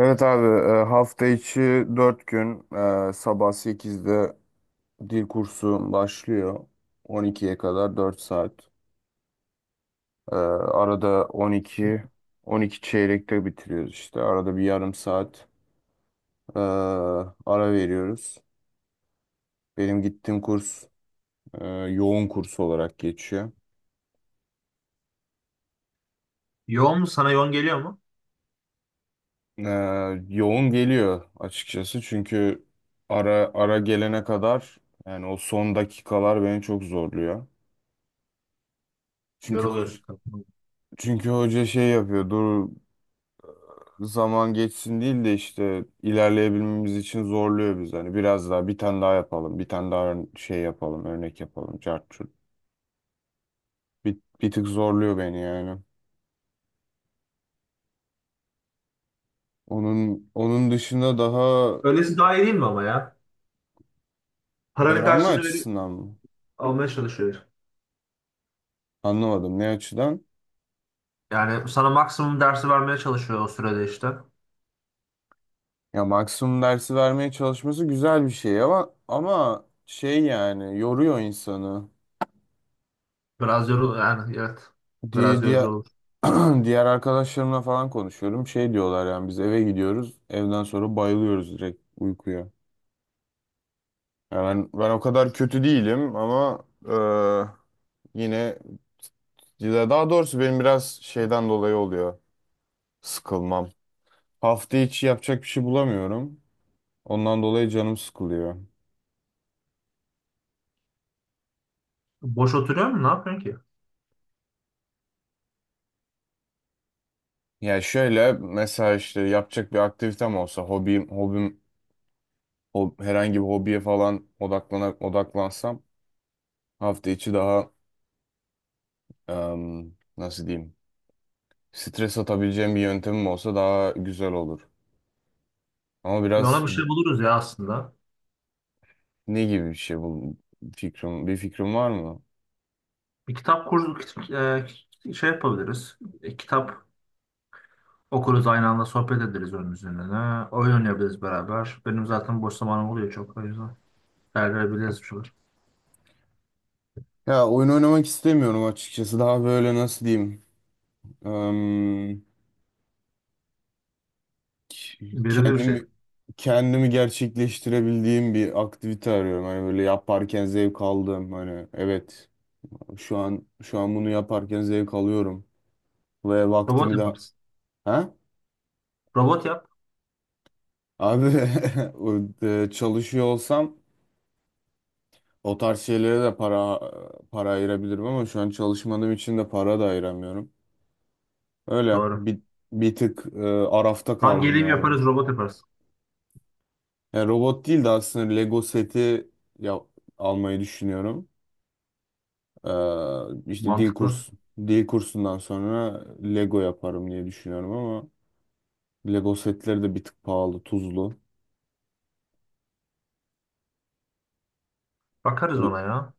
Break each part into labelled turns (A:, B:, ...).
A: Evet abi. Hafta içi 4 gün, sabah sekizde dil kursu başlıyor. On ikiye kadar 4 saat. Arada on iki, on iki çeyrekte bitiriyoruz işte. Arada bir yarım saat e, ara veriyoruz. Benim gittiğim kurs yoğun kurs olarak geçiyor.
B: Yoğun mu? Sana yoğun geliyor mu?
A: E, Yoğun geliyor açıkçası. Çünkü ara ara gelene kadar, yani o son dakikalar beni çok zorluyor. Çünkü o
B: Yoruluyorsun.
A: Çünkü hoca şey yapıyor. Dur zaman geçsin değil de işte ilerleyebilmemiz için zorluyor biz. Hani biraz daha, bir tane daha yapalım. Bir tane daha şey yapalım. Örnek yapalım. Cart curt. Bir tık zorluyor beni yani. Onun dışında daha
B: Öylesi daha iyi değil mi ama ya? Paranın
A: öğrenme
B: karşılığını verip
A: açısından mı?
B: almaya çalışıyor.
A: Anlamadım, ne açıdan?
B: Yani sana maksimum dersi vermeye çalışıyor o sürede işte.
A: Ya maksimum dersi vermeye çalışması güzel bir şey, ama ama yani yoruyor insanı.
B: Biraz yorul yani evet. Biraz
A: Diye,
B: yorucu
A: diğer
B: olur.
A: diğer arkadaşlarımla falan konuşuyorum. Şey diyorlar, yani biz eve gidiyoruz. Evden sonra bayılıyoruz direkt uykuya. Yani ben o kadar kötü değilim, ama yine, ya daha doğrusu benim biraz şeyden dolayı oluyor sıkılmam. Hafta içi yapacak bir şey bulamıyorum. Ondan dolayı canım sıkılıyor.
B: Boş oturuyor mu? Ne yapıyorsun ki?
A: Ya şöyle mesela, işte yapacak bir aktivitem olsa, hobim, herhangi bir hobiye falan odaklansam hafta içi daha nasıl diyeyim? Stres atabileceğim bir yöntemim olsa daha güzel olur. Ama
B: Ona
A: biraz
B: bir şey buluruz ya aslında.
A: ne gibi bir şey bu, bir fikrim var mı?
B: Bir kitap kurdu şey yapabiliriz. Kitap okuruz aynı anda sohbet ederiz onun üzerine. Oyun oynayabiliriz beraber. Benim zaten boş zamanım oluyor çok o yüzden. Değerlendirebiliriz bir şeyler.
A: Ya oyun oynamak istemiyorum açıkçası. Daha böyle nasıl diyeyim? Em, k-
B: Verimli bir şey.
A: kendimi kendimi gerçekleştirebildiğim bir aktivite arıyorum. Hani böyle yaparken zevk aldığım, hani evet, şu an bunu yaparken zevk alıyorum ve
B: Robot
A: vaktimi de,
B: yaparız.
A: ha?
B: Robot yap.
A: Abi, o, çalışıyor olsam o tarz şeylere de para ayırabilirim, ama şu an çalışmadığım için de para da ayıramıyorum. Öyle
B: Doğru.
A: bir, bir tık arafta
B: Ben
A: kaldım
B: geleyim
A: yani.
B: yaparız robot yaparız.
A: Yani robot değil de aslında Lego seti ya, almayı düşünüyorum. İşte
B: Mantıklı.
A: dil kursundan sonra Lego yaparım diye düşünüyorum, ama Lego setleri de bir tık pahalı, tuzlu.
B: Bakarız ona ya.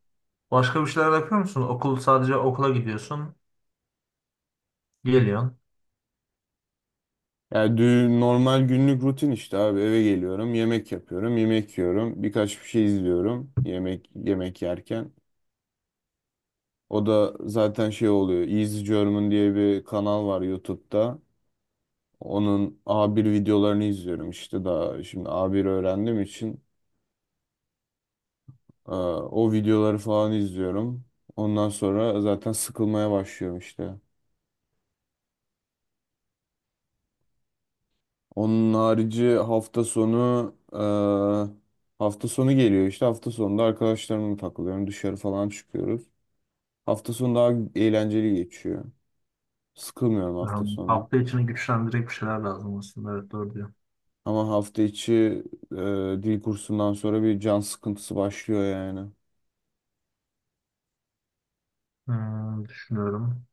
B: Başka bir şeyler yapıyor musun? Okul sadece okula gidiyorsun. Geliyorsun.
A: Yani normal günlük rutin işte abi, eve geliyorum, yemek yapıyorum, yemek yiyorum, birkaç bir şey izliyorum yemek yerken. O da zaten şey oluyor. Easy German diye bir kanal var YouTube'da. Onun A1 videolarını izliyorum işte, daha şimdi A1 öğrendiğim için o videoları falan izliyorum. Ondan sonra zaten sıkılmaya başlıyorum işte. Onun harici hafta sonu, hafta sonu geliyor işte, hafta sonunda arkadaşlarımla takılıyorum, dışarı falan çıkıyoruz. Hafta sonu daha eğlenceli geçiyor. Sıkılmıyorum hafta
B: Yani
A: sonu.
B: hafta içini güçlendirecek bir şeyler lazım aslında. Evet doğru diyor.
A: Ama hafta içi e, dil kursundan sonra bir can sıkıntısı başlıyor yani.
B: Hmm, düşünüyorum.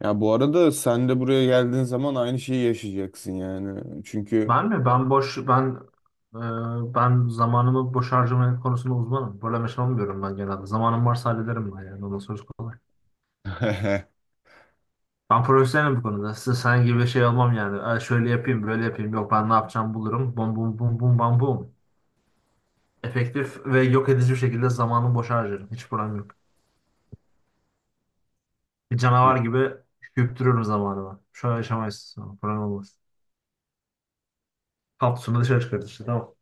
A: Ya bu arada sen de buraya geldiğin zaman aynı şeyi yaşayacaksın yani. Çünkü
B: Ben mi? Ben zamanımı boş harcama konusunda uzmanım. Böyle şey olmuyorum ben genelde. Zamanım varsa hallederim ben yani. Ondan sonra kolay. Ben profesyonelim bu konuda. Size sen gibi şey olmam yani. "Aa, şöyle yapayım, böyle yapayım. Yok ben ne yapacağım bulurum. Bum bum bum bum bam bum. Efektif ve yok edici bir şekilde zamanımı boşa harcarım. Hiç problem yok. Bir
A: Ya-
B: canavar gibi küptürürüm zamanımı. Şu an yaşamayız. Tamam, problem olmaz. Kapsülünü dışarı çıkarır işte tamam.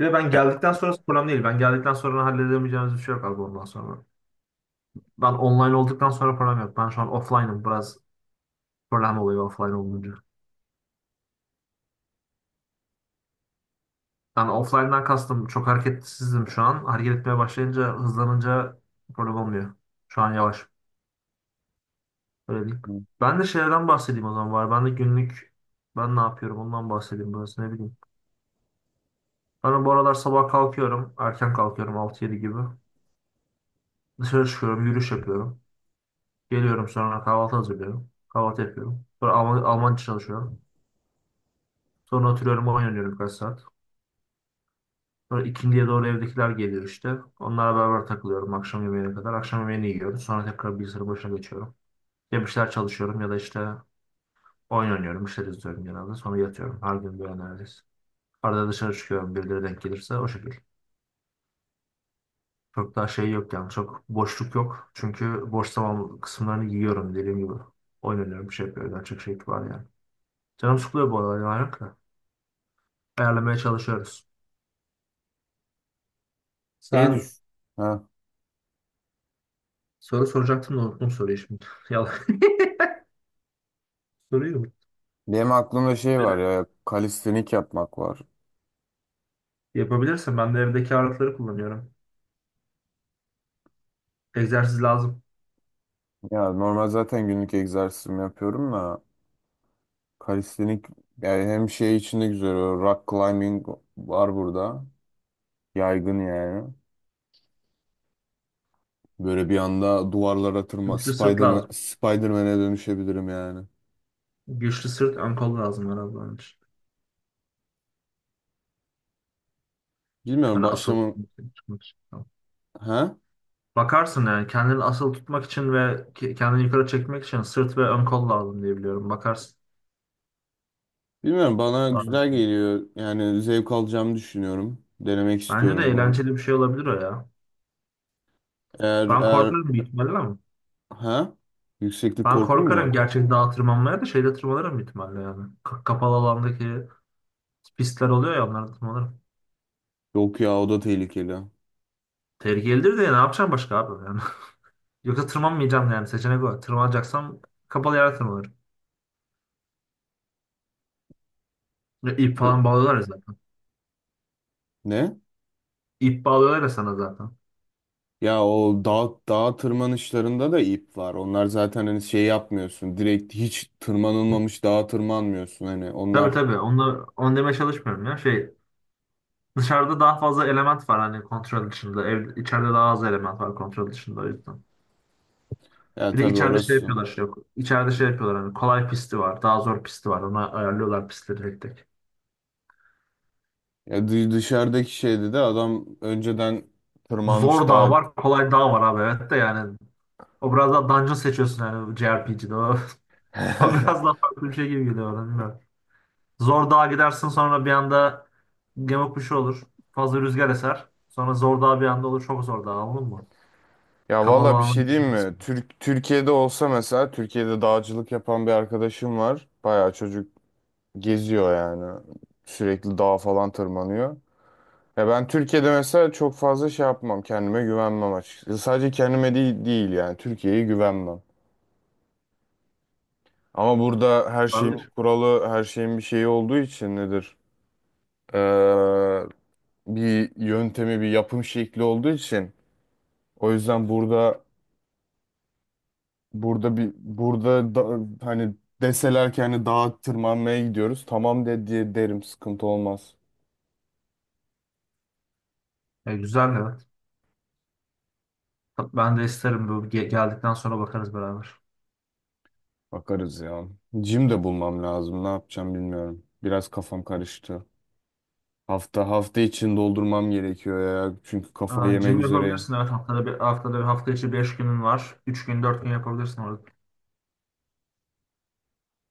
B: Bir de ben
A: ya-
B: geldikten sonrası problem değil. Ben geldikten sonra halledemeyeceğimiz bir şey yok abi ondan sonra. Ben online olduktan sonra problem yok. Ben şu an offline'ım. Biraz problem oluyor offline olunca. Yani offline'dan kastım. Çok hareketsizim şu an. Hareket etmeye başlayınca, hızlanınca problem olmuyor. Şu an yavaş. Öylelik. Ben de şeylerden bahsedeyim o zaman var. Ben de günlük ben ne yapıyorum ondan bahsedeyim biraz ne bileyim. Ben bu aralar sabah kalkıyorum. Erken kalkıyorum 6-7 gibi. Dışarı çıkıyorum yürüyüş yapıyorum. Geliyorum sonra kahvaltı hazırlıyorum. Kahvaltı yapıyorum. Sonra Almanca çalışıyorum. Sonra oturuyorum oyun oynuyorum birkaç saat. Sonra ikindiye doğru evdekiler geliyor işte. Onlarla beraber takılıyorum akşam yemeğine kadar. Akşam yemeğini yiyoruz. Sonra tekrar bilgisayarın başına geçiyorum. Ya bir şeyler çalışıyorum ya da işte oyun oynuyorum. Bir şeyler izliyorum genelde. Sonra yatıyorum. Her gün böyle neredeyse. Arada dışarı çıkıyorum birileri denk gelirse o şekil. Çok daha şey yok yani çok boşluk yok. Çünkü boş zaman kısımlarını yiyorum dediğim gibi. Oyun oynuyorum bir şey yapıyorum. Daha çok şey var yani. Canım sıkılıyor bu aralar yalan yok da. Ayarlamaya çalışıyoruz.
A: şey düş.
B: Sen
A: Ha.
B: soru soracaktın da unuttum soruyu şimdi. Yalan. Soruyu unuttum.
A: Benim aklımda şey var ya, kalistenik yapmak var.
B: Yapabilirsin. Ben de evdeki ağırlıkları kullanıyorum. Egzersiz lazım.
A: Ya normal zaten günlük egzersizimi yapıyorum da, kalistenik, yani hem şey içinde güzel, o rock climbing var burada. Yaygın yani. Böyle bir anda duvarlara tırma,
B: Güçlü sırt
A: Spider-Man,
B: lazım.
A: Spider-Man'e dönüşebilirim yani.
B: Güçlü sırt ön kol lazım herhalde onun için.
A: Bilmiyorum,
B: Hani asıl
A: başlamam.
B: tutmak için.
A: Ha?
B: Bakarsın yani kendini asıl tutmak için ve kendini yukarı çekmek için sırt ve ön kol lazım diye biliyorum. Bakarsın.
A: Bilmiyorum, bana güzel
B: Sadece.
A: geliyor. Yani zevk alacağımı düşünüyorum. Denemek
B: Bence de
A: istiyorum bunu.
B: eğlenceli bir şey olabilir o ya.
A: Eğer
B: Ben
A: eğer
B: korkarım bir ihtimalle ama.
A: ha? Yükseklik
B: Ben
A: korku mu
B: korkarım
A: var?
B: gerçek dağa tırmanmaya da şeyde tırmanırım bir ihtimalle yani. Kapalı alandaki pistler oluyor ya onlarda tırmanırım.
A: Yok ya, o da tehlikeli.
B: Tehlikelidir de ne yapacağım başka abi yani. Yoksa tırmanmayacağım yani seçenek o. Tırmanacaksam kapalı yere tırmanırım. Ya İp
A: Hı.
B: falan bağlıyorlar ya zaten.
A: Ne?
B: İp bağlıyorlar ya sana zaten.
A: Ya o dağ tırmanışlarında da ip var. Onlar zaten hani şey yapmıyorsun. Direkt hiç tırmanılmamış dağa tırmanmıyorsun hani.
B: Tabii
A: Onlar,
B: tabii. Onu demeye çalışmıyorum ya. Şey, dışarıda daha fazla element var hani kontrol dışında. Ev, içeride daha az element var kontrol dışında o yüzden.
A: ya
B: Bir de
A: tabii
B: içeride şey
A: orası.
B: yapıyorlar şey yok. İçeride şey yapıyorlar hani kolay pisti var. Daha zor pisti var. Ona ayarlıyorlar pistleri tek tek.
A: Ya dışarıdaki şeydi de adam önceden tırmanmış
B: Zor dağ
A: daha.
B: var. Kolay dağ var abi. Evet de yani. O biraz daha dungeon seçiyorsun yani JRPG'de. O, o biraz daha farklı bir şey gibi geliyor bana. Bilmiyorum. Zor dağa gidersin sonra bir anda gemi bir şey olur. Fazla rüzgar eser. Sonra zor dağ bir anda olur. Çok zor dağ anladın mı?
A: Ya
B: Kapalı
A: valla bir
B: alana
A: şey diyeyim mi?
B: gidebilirsin.
A: Türkiye'de olsa mesela, Türkiye'de dağcılık yapan bir arkadaşım var. Bayağı çocuk geziyor yani. Sürekli dağa falan tırmanıyor. Ya ben Türkiye'de mesela çok fazla şey yapmam. Kendime güvenmem açıkçası. Sadece kendime değil, değil yani. Türkiye'ye güvenmem. Ama burada her şeyin bir
B: Olabilir.
A: kuralı, her şeyin bir şeyi olduğu için nedir? Ee, Bir yöntemi, bir yapım şekli olduğu için, o yüzden burada, burada bir burada da, hani deseler ki hani dağa tırmanmaya gidiyoruz. Tamam de diye derim, sıkıntı olmaz.
B: E, güzel evet. Ben de isterim bu geldikten sonra bakarız beraber.
A: Bakarız ya. Jim de bulmam lazım. Ne yapacağım bilmiyorum. Biraz kafam karıştı. Hafta için doldurmam gerekiyor ya. Çünkü
B: Aa,
A: kafayı yemek
B: gym
A: üzereyim.
B: yapabilirsin evet haftada bir haftada bir hafta içi 5 günün var. 3 gün 4 gün yapabilirsin orada.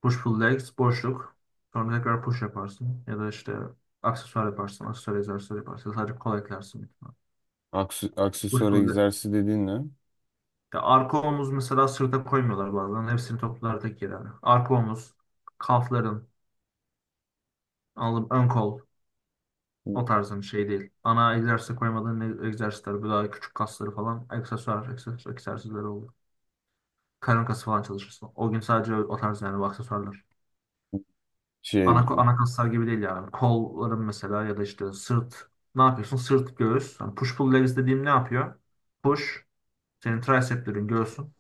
B: Push pull legs boşluk. Sonra tekrar push yaparsın ya da işte aksesuar yaparsın, aksesuar egzersizi yaparsın. Sadece kol eklersin. Büyük ihtimal. Push
A: Aksesuar
B: pull leg.
A: egzersizi dediğin ne?
B: Ya arka omuz mesela sırta koymuyorlar bazen. Hepsini toplar tek yere. Yani. Arka omuz, kalfların, alın, ön kol o tarzın şey değil. Ana egzersize koymadığın egzersizler, bu daha küçük kasları falan aksesuar, aksesuar egzersizleri oluyor. Karın kası falan çalışırsın. O gün sadece o tarz yani bu aksesuarlar.
A: Şey,
B: Ana kaslar gibi değil yani. Kolların mesela ya da işte sırt. Ne yapıyorsun? Sırt, göğüs. Yani push pull legs dediğim ne yapıyor? Push, senin triceplerin, göğsün.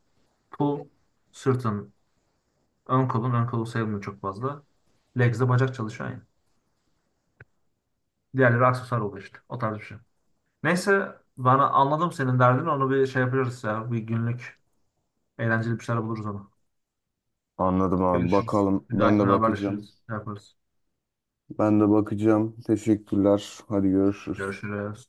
B: Pull, sırtın, ön kolun. Ön kolu sayılmıyor çok fazla. Legs de bacak çalışıyor yani. Diğerleri aksesuar oluyor işte. O tarz bir şey. Neyse bana anladım senin derdini. Onu bir şey yapıyoruz ya. Bir günlük eğlenceli bir şeyler buluruz onu.
A: anladım abi.
B: Görüşürüz.
A: Bakalım.
B: Bir
A: Ben de
B: dahakine
A: bakacağım.
B: haberleşiriz. Şey yaparız.
A: Ben de bakacağım. Teşekkürler. Hadi görüşürüz.
B: Görüşürüz.